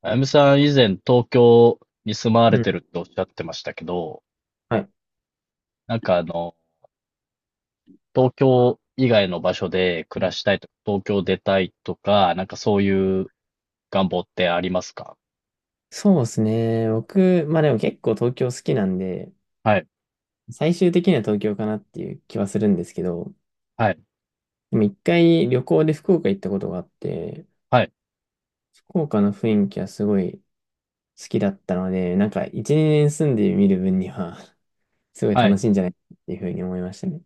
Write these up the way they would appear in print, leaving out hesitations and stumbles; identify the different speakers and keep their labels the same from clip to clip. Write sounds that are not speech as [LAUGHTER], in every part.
Speaker 1: あやむさん、以前東京に住まわ
Speaker 2: う
Speaker 1: れ
Speaker 2: ん。
Speaker 1: てるっておっしゃってましたけど、
Speaker 2: はい。
Speaker 1: なんか東京以外の場所で
Speaker 2: う
Speaker 1: 暮ら
Speaker 2: ん、
Speaker 1: したいとか、東京出たいとか、なんかそういう願望ってありますか？
Speaker 2: そうですね。僕、まあでも結構東京好きなんで、
Speaker 1: はい、
Speaker 2: 最終的には東京かなっていう気はするんですけど、
Speaker 1: はい、
Speaker 2: でも一回旅行で福岡行ったことがあって、
Speaker 1: はい、
Speaker 2: 福岡の雰囲気はすごい好きだったので、なんか1、2年住んでみる分には [LAUGHS] すごい
Speaker 1: は
Speaker 2: 楽
Speaker 1: い。
Speaker 2: しいんじゃないかっていうふうに思いましたね。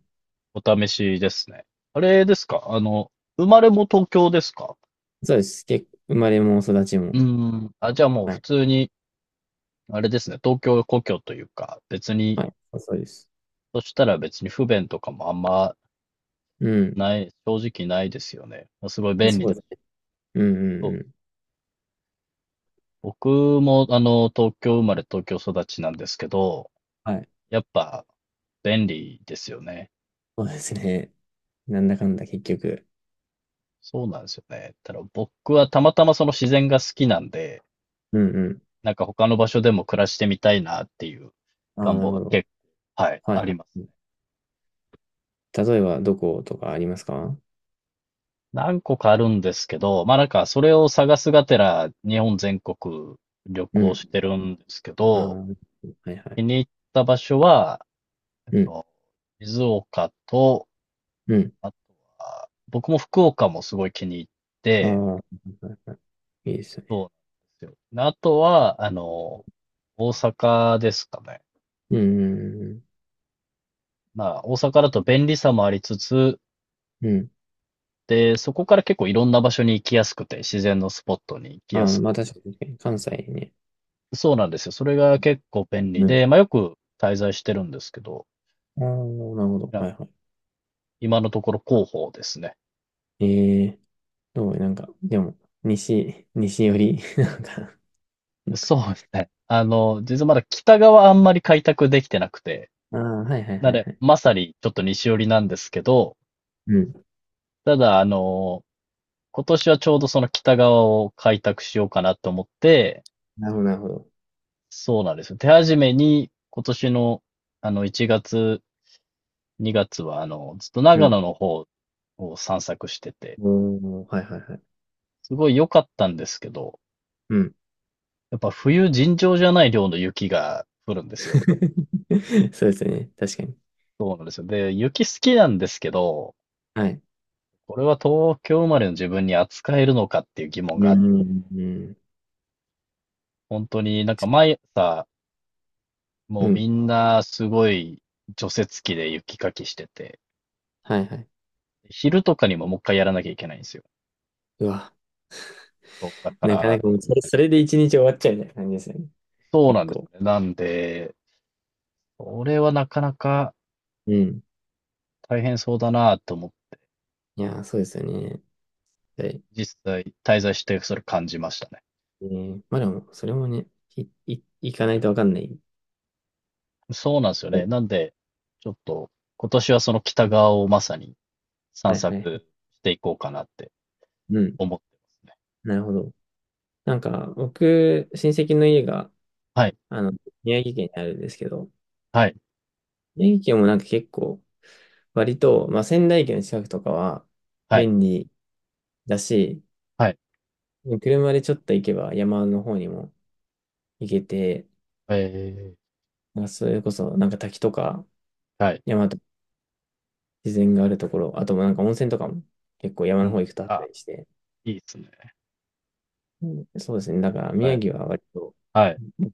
Speaker 1: お試しですね。あれですか、生まれも東京ですか？
Speaker 2: そうです。結構生まれも育ち
Speaker 1: うー
Speaker 2: も。
Speaker 1: ん。あ、じゃあもう
Speaker 2: は
Speaker 1: 普
Speaker 2: い。
Speaker 1: 通に、あれですね、東京故郷というか、別に、
Speaker 2: はい。そうそうです。
Speaker 1: そしたら別に不便とかもあんま
Speaker 2: うん。
Speaker 1: ない、正直ないですよね。すごい便利
Speaker 2: そう
Speaker 1: だ。
Speaker 2: ですね。うんうんうん。
Speaker 1: 僕も、東京生まれ、東京育ちなんですけど、
Speaker 2: はい。
Speaker 1: やっぱ便利ですよね。
Speaker 2: そうですね。なんだかんだ結局。
Speaker 1: そうなんですよね。ただ僕はたまたまその自然が好きなんで、
Speaker 2: うんうん。
Speaker 1: なんか他の場所でも暮らしてみたいなっていう
Speaker 2: ああ、
Speaker 1: 願
Speaker 2: な
Speaker 1: 望
Speaker 2: るほ
Speaker 1: が
Speaker 2: ど。
Speaker 1: 結構、はい、
Speaker 2: はい
Speaker 1: あり
Speaker 2: は
Speaker 1: ます。
Speaker 2: い。例えば、どことかありますか？
Speaker 1: 何個かあるんですけど、まあなんかそれを探すがてら日本全国旅
Speaker 2: う
Speaker 1: 行
Speaker 2: ん。
Speaker 1: してるんですけ
Speaker 2: ああ、
Speaker 1: ど、
Speaker 2: はいはい。
Speaker 1: 気に入った場所は、えっ
Speaker 2: うん、
Speaker 1: と、静岡と
Speaker 2: うん。
Speaker 1: あとは、僕も福岡もすごい気に入っ
Speaker 2: あ
Speaker 1: て、
Speaker 2: あ、はいはいはい。いいですよ
Speaker 1: そうな
Speaker 2: ね。
Speaker 1: んですよ。あとは、大阪ですかね。
Speaker 2: うん、
Speaker 1: まあ、大阪だと便利さもありつつ、
Speaker 2: うん、うん。
Speaker 1: で、そこから結構いろんな場所に行きやすくて、自然のスポットに行き
Speaker 2: あ
Speaker 1: や
Speaker 2: あ、
Speaker 1: す
Speaker 2: まあ確かに、確かに関西ね。
Speaker 1: く。そうなんですよ。それが結構便利
Speaker 2: うん。
Speaker 1: で、まあよく滞在してるんですけど、
Speaker 2: ああ、なるほど。
Speaker 1: な
Speaker 2: は
Speaker 1: ん
Speaker 2: いは
Speaker 1: 今のところ広報ですね。
Speaker 2: い。ええ、どうなんか、でも、西寄り [LAUGHS] なんか、
Speaker 1: そうですね。実はまだ北側あんまり開拓できてなくて、
Speaker 2: ああ、はいはい
Speaker 1: なの
Speaker 2: はい
Speaker 1: で、
Speaker 2: はい。
Speaker 1: まさにちょっと西寄りなんですけど、
Speaker 2: うん。
Speaker 1: ただ、今年はちょうどその北側を開拓しようかなと思って、
Speaker 2: なるほど、なるほど。
Speaker 1: そうなんですよ。手始めに今年の1月、2月はずっと
Speaker 2: う
Speaker 1: 長
Speaker 2: ん。
Speaker 1: 野の方を散策してて、
Speaker 2: おお、はいはいはい。
Speaker 1: すごい良かったんですけど、
Speaker 2: うん。
Speaker 1: やっぱ冬尋常じゃない量の雪が降るんですよ。
Speaker 2: [LAUGHS] そうですよね。確かに。
Speaker 1: そうなんですよ。で、雪好きなんですけど、
Speaker 2: はい。
Speaker 1: これは東京生まれの自分に扱えるのかっていう疑問
Speaker 2: う
Speaker 1: が、
Speaker 2: ん、うん、うん。
Speaker 1: 本当になんか毎朝
Speaker 2: う
Speaker 1: もうみ
Speaker 2: ん、
Speaker 1: んなすごい除雪機で雪かきしてて、
Speaker 2: はいはい。
Speaker 1: 昼とかにももう一回やらなきゃいけないんですよ。
Speaker 2: うわ。
Speaker 1: そう、だか
Speaker 2: なかな
Speaker 1: ら、
Speaker 2: かもうそれで一日終わっちゃうみたいな感じですよね。
Speaker 1: そう
Speaker 2: 結
Speaker 1: なんです
Speaker 2: 構。
Speaker 1: よね。なんで、それはなかなか
Speaker 2: うん。
Speaker 1: 大変そうだなと思って
Speaker 2: いやー、そうですよね。はい。
Speaker 1: 実際滞在してそれ感じましたね。
Speaker 2: まあでも、それもね、行かないとわかんない。
Speaker 1: そうなんですよね。なんで、ちょっと今年はその北側をまさに
Speaker 2: は
Speaker 1: 散
Speaker 2: いはいはい。
Speaker 1: 策していこうかなって
Speaker 2: うん。
Speaker 1: 思ってますね。
Speaker 2: なるほど。なんか、僕、親戚の家が、
Speaker 1: はい、
Speaker 2: あの、宮城県にあるんですけど、
Speaker 1: はい、
Speaker 2: 宮城県もなんか結構、割と、まあ仙台駅の近くとかは
Speaker 1: はい、
Speaker 2: 便利だし、
Speaker 1: はい。
Speaker 2: 車でちょっと行けば山の方にも行けて、
Speaker 1: えい
Speaker 2: まあ、それこそなんか滝とか
Speaker 1: はい。
Speaker 2: 山と自然があるところ、あともなんか温泉とかも結構山
Speaker 1: う
Speaker 2: の方
Speaker 1: ん。
Speaker 2: 行くとあった
Speaker 1: あ、
Speaker 2: りして、
Speaker 1: いいですね。
Speaker 2: うん、そうですね。だから
Speaker 1: は
Speaker 2: 宮
Speaker 1: い、
Speaker 2: 城は割と、
Speaker 1: はい、
Speaker 2: うん、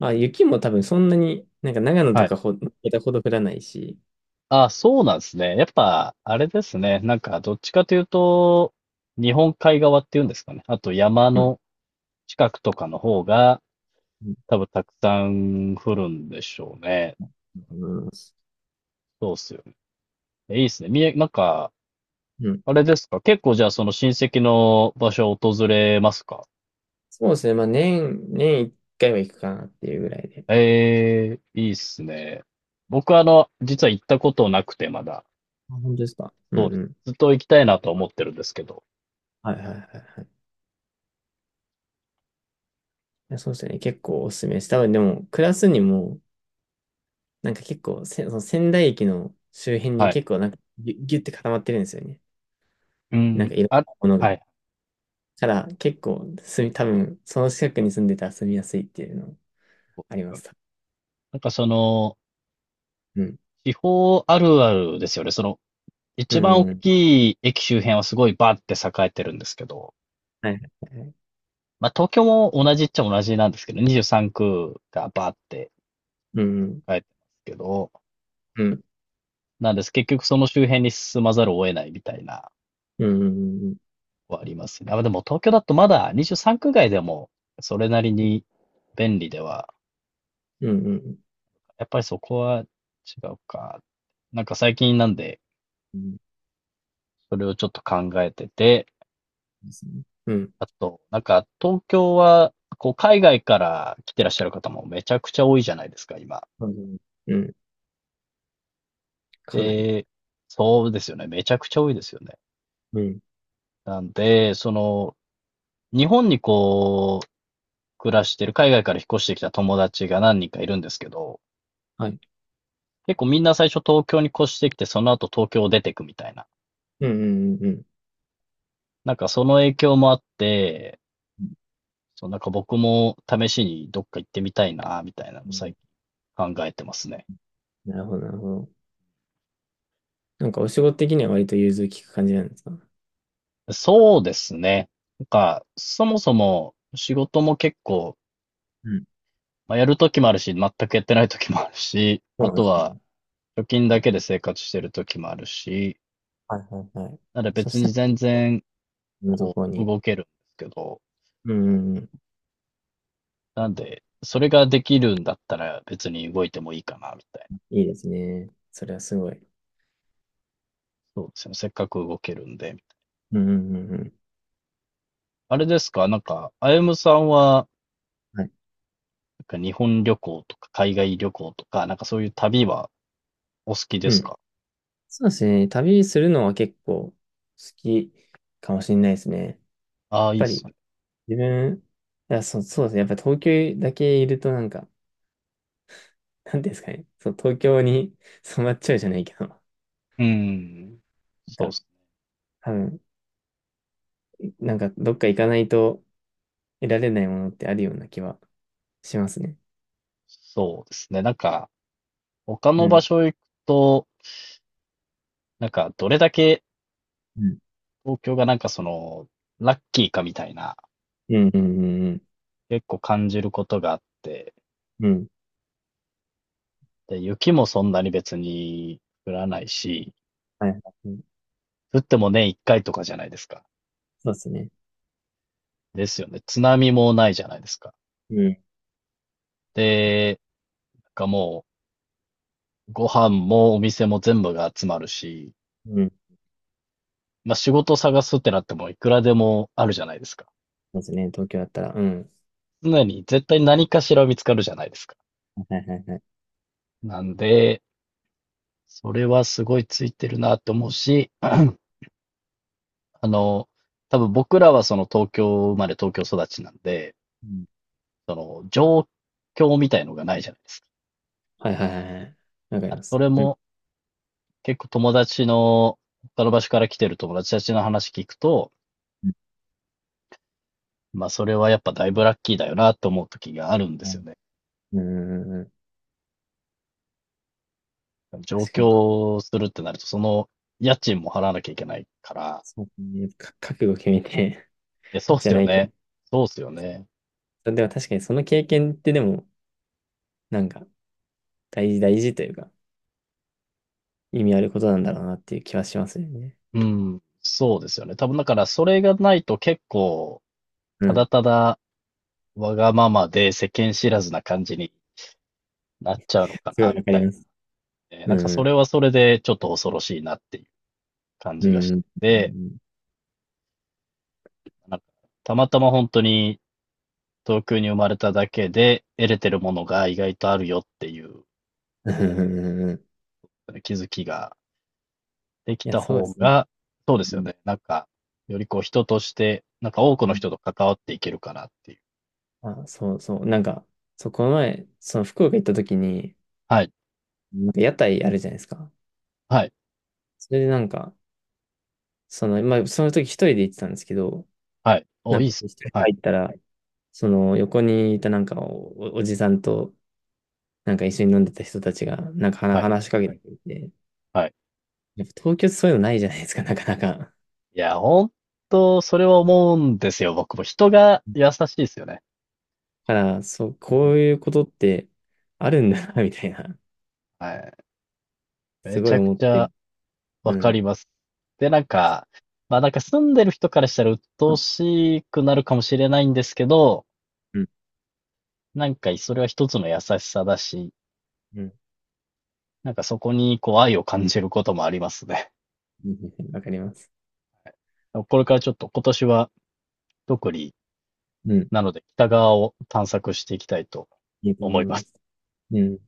Speaker 2: あ、雪も多分そんなに、なんか長野と
Speaker 1: はい。
Speaker 2: かまたほど降らないし、
Speaker 1: あ、そうなんですね。やっぱ、あれですね。なんか、どっちかというと、日本海側っていうんですかね。あと山
Speaker 2: うん。
Speaker 1: の近くとかの方が、
Speaker 2: うん、
Speaker 1: 多分たくさん降るんでしょうね。
Speaker 2: 思います。
Speaker 1: そうっすよね。えいいっすね。なんか、
Speaker 2: うん。
Speaker 1: あれですか。結構じゃあその親戚の場所を訪れますか？
Speaker 2: そうですね。まあ年一回は行くかなっていうぐらいで。
Speaker 1: ええ、いいっすね。僕は実は行ったことなくてまだ。
Speaker 2: あ、本当ですか。うんう
Speaker 1: そうです。
Speaker 2: ん。
Speaker 1: ずっと行きたいなと思ってるんですけど。
Speaker 2: はいはいはいはい。いや、そうですね。結構おすすめです。多分でも、暮らすにも、なんか結構その仙台駅の周辺
Speaker 1: は
Speaker 2: に
Speaker 1: い。
Speaker 2: 結構なんかぎゅって固まってるんですよね。
Speaker 1: う
Speaker 2: なん
Speaker 1: ん、
Speaker 2: かいろん
Speaker 1: あ、
Speaker 2: なものが。
Speaker 1: はい。
Speaker 2: から結構多分その近くに住んでたら住みやすいっていうの
Speaker 1: そうで
Speaker 2: あり
Speaker 1: す
Speaker 2: ま
Speaker 1: よね。
Speaker 2: す。
Speaker 1: なんか
Speaker 2: うん。
Speaker 1: 地方あるあるですよね。
Speaker 2: う
Speaker 1: 一番大
Speaker 2: ん。うん、
Speaker 1: きい駅周辺はすごいバーって栄えてるんですけど、
Speaker 2: はい。はい。
Speaker 1: まあ東京も同じっちゃ同じなんですけど、23区がバーって
Speaker 2: うん。
Speaker 1: 栄えてますけど、
Speaker 2: うん。
Speaker 1: なんです。結局その周辺に進まざるを得ないみたいな、
Speaker 2: うん。うん。
Speaker 1: はありますね。あ、でも東京だとまだ23区外でもそれなりに便利では、
Speaker 2: うん。うん。
Speaker 1: やっぱりそこは違うか。なんか最近なんで、
Speaker 2: うん、
Speaker 1: それをちょっと考えてて、
Speaker 2: ですね、うん。
Speaker 1: あと、なんか、東京は、海外から来てらっしゃる方もめちゃくちゃ多いじゃないですか、今。
Speaker 2: うん。うん。かなり。
Speaker 1: で、そうですよね。めちゃくちゃ多いですよね。
Speaker 2: うん。
Speaker 1: なんで、日本に暮らしてる、海外から引っ越してきた友達が何人かいるんですけど、
Speaker 2: はい。
Speaker 1: 結構みんな最初東京に越してきて、その後東京を出てくみたいな。
Speaker 2: うん。うん。うん。
Speaker 1: なんかその影響もあって、
Speaker 2: うん
Speaker 1: そう、なんか僕も試しにどっか行ってみたいな、みたいなの
Speaker 2: う
Speaker 1: を最
Speaker 2: ん。
Speaker 1: 近考えてますね。
Speaker 2: なるほど、なるほど。なんかお仕事的には割と融通きく感じなんですか？
Speaker 1: そうですね。なんか、そもそも仕事も結構、
Speaker 2: うん。
Speaker 1: まあ、やるときもあるし、全くやってないときもあるし、
Speaker 2: そう
Speaker 1: あ
Speaker 2: なんで
Speaker 1: と
Speaker 2: す
Speaker 1: は
Speaker 2: ね。
Speaker 1: 貯金だけで生活してるときもあるし、
Speaker 2: はいはいはい。
Speaker 1: なので
Speaker 2: そ
Speaker 1: 別
Speaker 2: し
Speaker 1: に
Speaker 2: たら、
Speaker 1: 全然
Speaker 2: のところに。
Speaker 1: 動けるんですけど、
Speaker 2: うんうんうん。
Speaker 1: なんで、それができるんだったら別に動いてもいいかな、みたいな。
Speaker 2: いいですね。それはすごい。
Speaker 1: そうですね。せっかく動けるんで。
Speaker 2: うんうんうんうん。
Speaker 1: あれですかなんか、あゆむさんは、
Speaker 2: はい。
Speaker 1: なんか日本旅行とか海外旅行とか、なんかそういう旅はお好きで
Speaker 2: う
Speaker 1: す
Speaker 2: ん、
Speaker 1: か？
Speaker 2: そうですね。旅するのは結構好きかもしれないですね。やっ
Speaker 1: ああー、いい
Speaker 2: ぱ
Speaker 1: っ
Speaker 2: り
Speaker 1: すね。
Speaker 2: 自分、いや、そう、そうですね。やっぱ東京だけいるとなんか、[LAUGHS] なんていうんですかね。そう、東京に [LAUGHS] 染まっちゃうじゃないけど、な
Speaker 1: うん。
Speaker 2: ん
Speaker 1: そうで
Speaker 2: か、
Speaker 1: すね。
Speaker 2: 多分、なんかどっか行かないと得られないものってあるような気はしますね。
Speaker 1: そうですね。なんか、他
Speaker 2: う
Speaker 1: の場
Speaker 2: ん。
Speaker 1: 所行くと、なんか、どれだけ
Speaker 2: うん。
Speaker 1: 東京がなんかラッキーかみたいな、
Speaker 2: うんうんうん
Speaker 1: 結構感じることがあって、
Speaker 2: うん。うん。
Speaker 1: で、雪もそんなに別に降らないし、
Speaker 2: はいはい。うん、
Speaker 1: 降っても年一回とかじゃないですか。
Speaker 2: そうですね。
Speaker 1: ですよね。津波もないじゃないですか。
Speaker 2: うん。
Speaker 1: で、なんかもう、ご飯もお店も全部が集まるし、
Speaker 2: うん。
Speaker 1: まあ仕事探すってなってもいくらでもあるじゃないですか。
Speaker 2: そうですね。東京だったら、うん。
Speaker 1: 常に絶対何かしら見つかるじゃないですか。
Speaker 2: はいはいはいはい。
Speaker 1: なんで、それはすごいついてるなって思うし、[CLEARS THROAT] の、多分僕らはその東京生まれ東京育ちなんで、
Speaker 2: うん。
Speaker 1: その状況みたいのがないじゃないですか。
Speaker 2: はいはいはいはい。わかり
Speaker 1: だから
Speaker 2: ま
Speaker 1: そ
Speaker 2: す。
Speaker 1: れ
Speaker 2: う
Speaker 1: も
Speaker 2: ん。
Speaker 1: 結構友達の、他の場所から来てる友達たちの話聞くと、
Speaker 2: う
Speaker 1: まあそれはやっぱだいぶラッキーだよなって思う時があるんですよ
Speaker 2: ん。
Speaker 1: ね。
Speaker 2: うんうんうんうん、
Speaker 1: 上
Speaker 2: 確かに。
Speaker 1: 京するってなると、その家賃も払わなきゃいけないから、
Speaker 2: そうね。覚悟決めて
Speaker 1: え、そ
Speaker 2: [LAUGHS]
Speaker 1: うっ
Speaker 2: じゃ
Speaker 1: す
Speaker 2: な
Speaker 1: よ
Speaker 2: いけ
Speaker 1: ね。そうっすよね。
Speaker 2: ど。でも確かにその経験ってでも、なんか大事大事というか、意味あることなんだろうなっていう気はしますよね。
Speaker 1: うん、そうですよね。多分だからそれがないと結構、
Speaker 2: う
Speaker 1: ただ
Speaker 2: ん。
Speaker 1: ただわがままで世間知らずな感じになっちゃうのか
Speaker 2: すご
Speaker 1: な、
Speaker 2: い
Speaker 1: み
Speaker 2: わか
Speaker 1: た
Speaker 2: り
Speaker 1: い
Speaker 2: ます。
Speaker 1: なね。な
Speaker 2: う
Speaker 1: んかそ
Speaker 2: ん。
Speaker 1: れはそれでちょっと恐ろしいなっていう感
Speaker 2: う
Speaker 1: じがし
Speaker 2: ん。
Speaker 1: て
Speaker 2: う
Speaker 1: て、
Speaker 2: ん。
Speaker 1: なんかたまたま本当に東京に生まれただけで得れてるものが意外とあるよっていう
Speaker 2: うん。
Speaker 1: ね気づきができ
Speaker 2: いや、
Speaker 1: た
Speaker 2: そうで
Speaker 1: 方
Speaker 2: すね。
Speaker 1: が、そうです
Speaker 2: う
Speaker 1: よ
Speaker 2: ん
Speaker 1: ね。なんか、より人として、なんか多くの
Speaker 2: うん。
Speaker 1: 人と関わっていけるかなっていう。
Speaker 2: あ、そうそう。なんか、そう、この前、その福岡行った時に、
Speaker 1: はい、
Speaker 2: なんか屋台あるじゃないですか。
Speaker 1: はい、
Speaker 2: それでなんか、その、まあ、その時一人で行ってたんですけど、
Speaker 1: はい。お、
Speaker 2: なん
Speaker 1: いい
Speaker 2: か
Speaker 1: っす。
Speaker 2: 一人で
Speaker 1: はい。
Speaker 2: 入ったら、その横にいたなんかおじさんとなんか一緒に飲んでた人たちがなんか
Speaker 1: はい、
Speaker 2: 話しかけてきて、
Speaker 1: はい。
Speaker 2: やっぱ東京ってそういうのないじゃないですか、なかなか。
Speaker 1: いや、本当それは思うんですよ。僕も人が優しいですよね。
Speaker 2: だから、そう、
Speaker 1: う
Speaker 2: こ
Speaker 1: ん。
Speaker 2: ういうことってあるんだな、みたいな、
Speaker 1: はい。め
Speaker 2: すご
Speaker 1: ち
Speaker 2: い
Speaker 1: ゃく
Speaker 2: 思っ
Speaker 1: ち
Speaker 2: て。
Speaker 1: ゃ
Speaker 2: う
Speaker 1: わか
Speaker 2: ん、
Speaker 1: ります。で、なんか、ま、なんか住んでる人からしたら鬱陶しくなるかもしれないんですけど、
Speaker 2: うん、
Speaker 1: なんかそれは一つの優しさだし、
Speaker 2: うん。
Speaker 1: なんかそこに愛を感じることもありますね。
Speaker 2: うん、わかります。
Speaker 1: これからちょっと今年は特に、
Speaker 2: うん、
Speaker 1: なので北側を探索していきたいと
Speaker 2: いいと思
Speaker 1: 思
Speaker 2: い
Speaker 1: いま
Speaker 2: ま
Speaker 1: す。
Speaker 2: す。うん。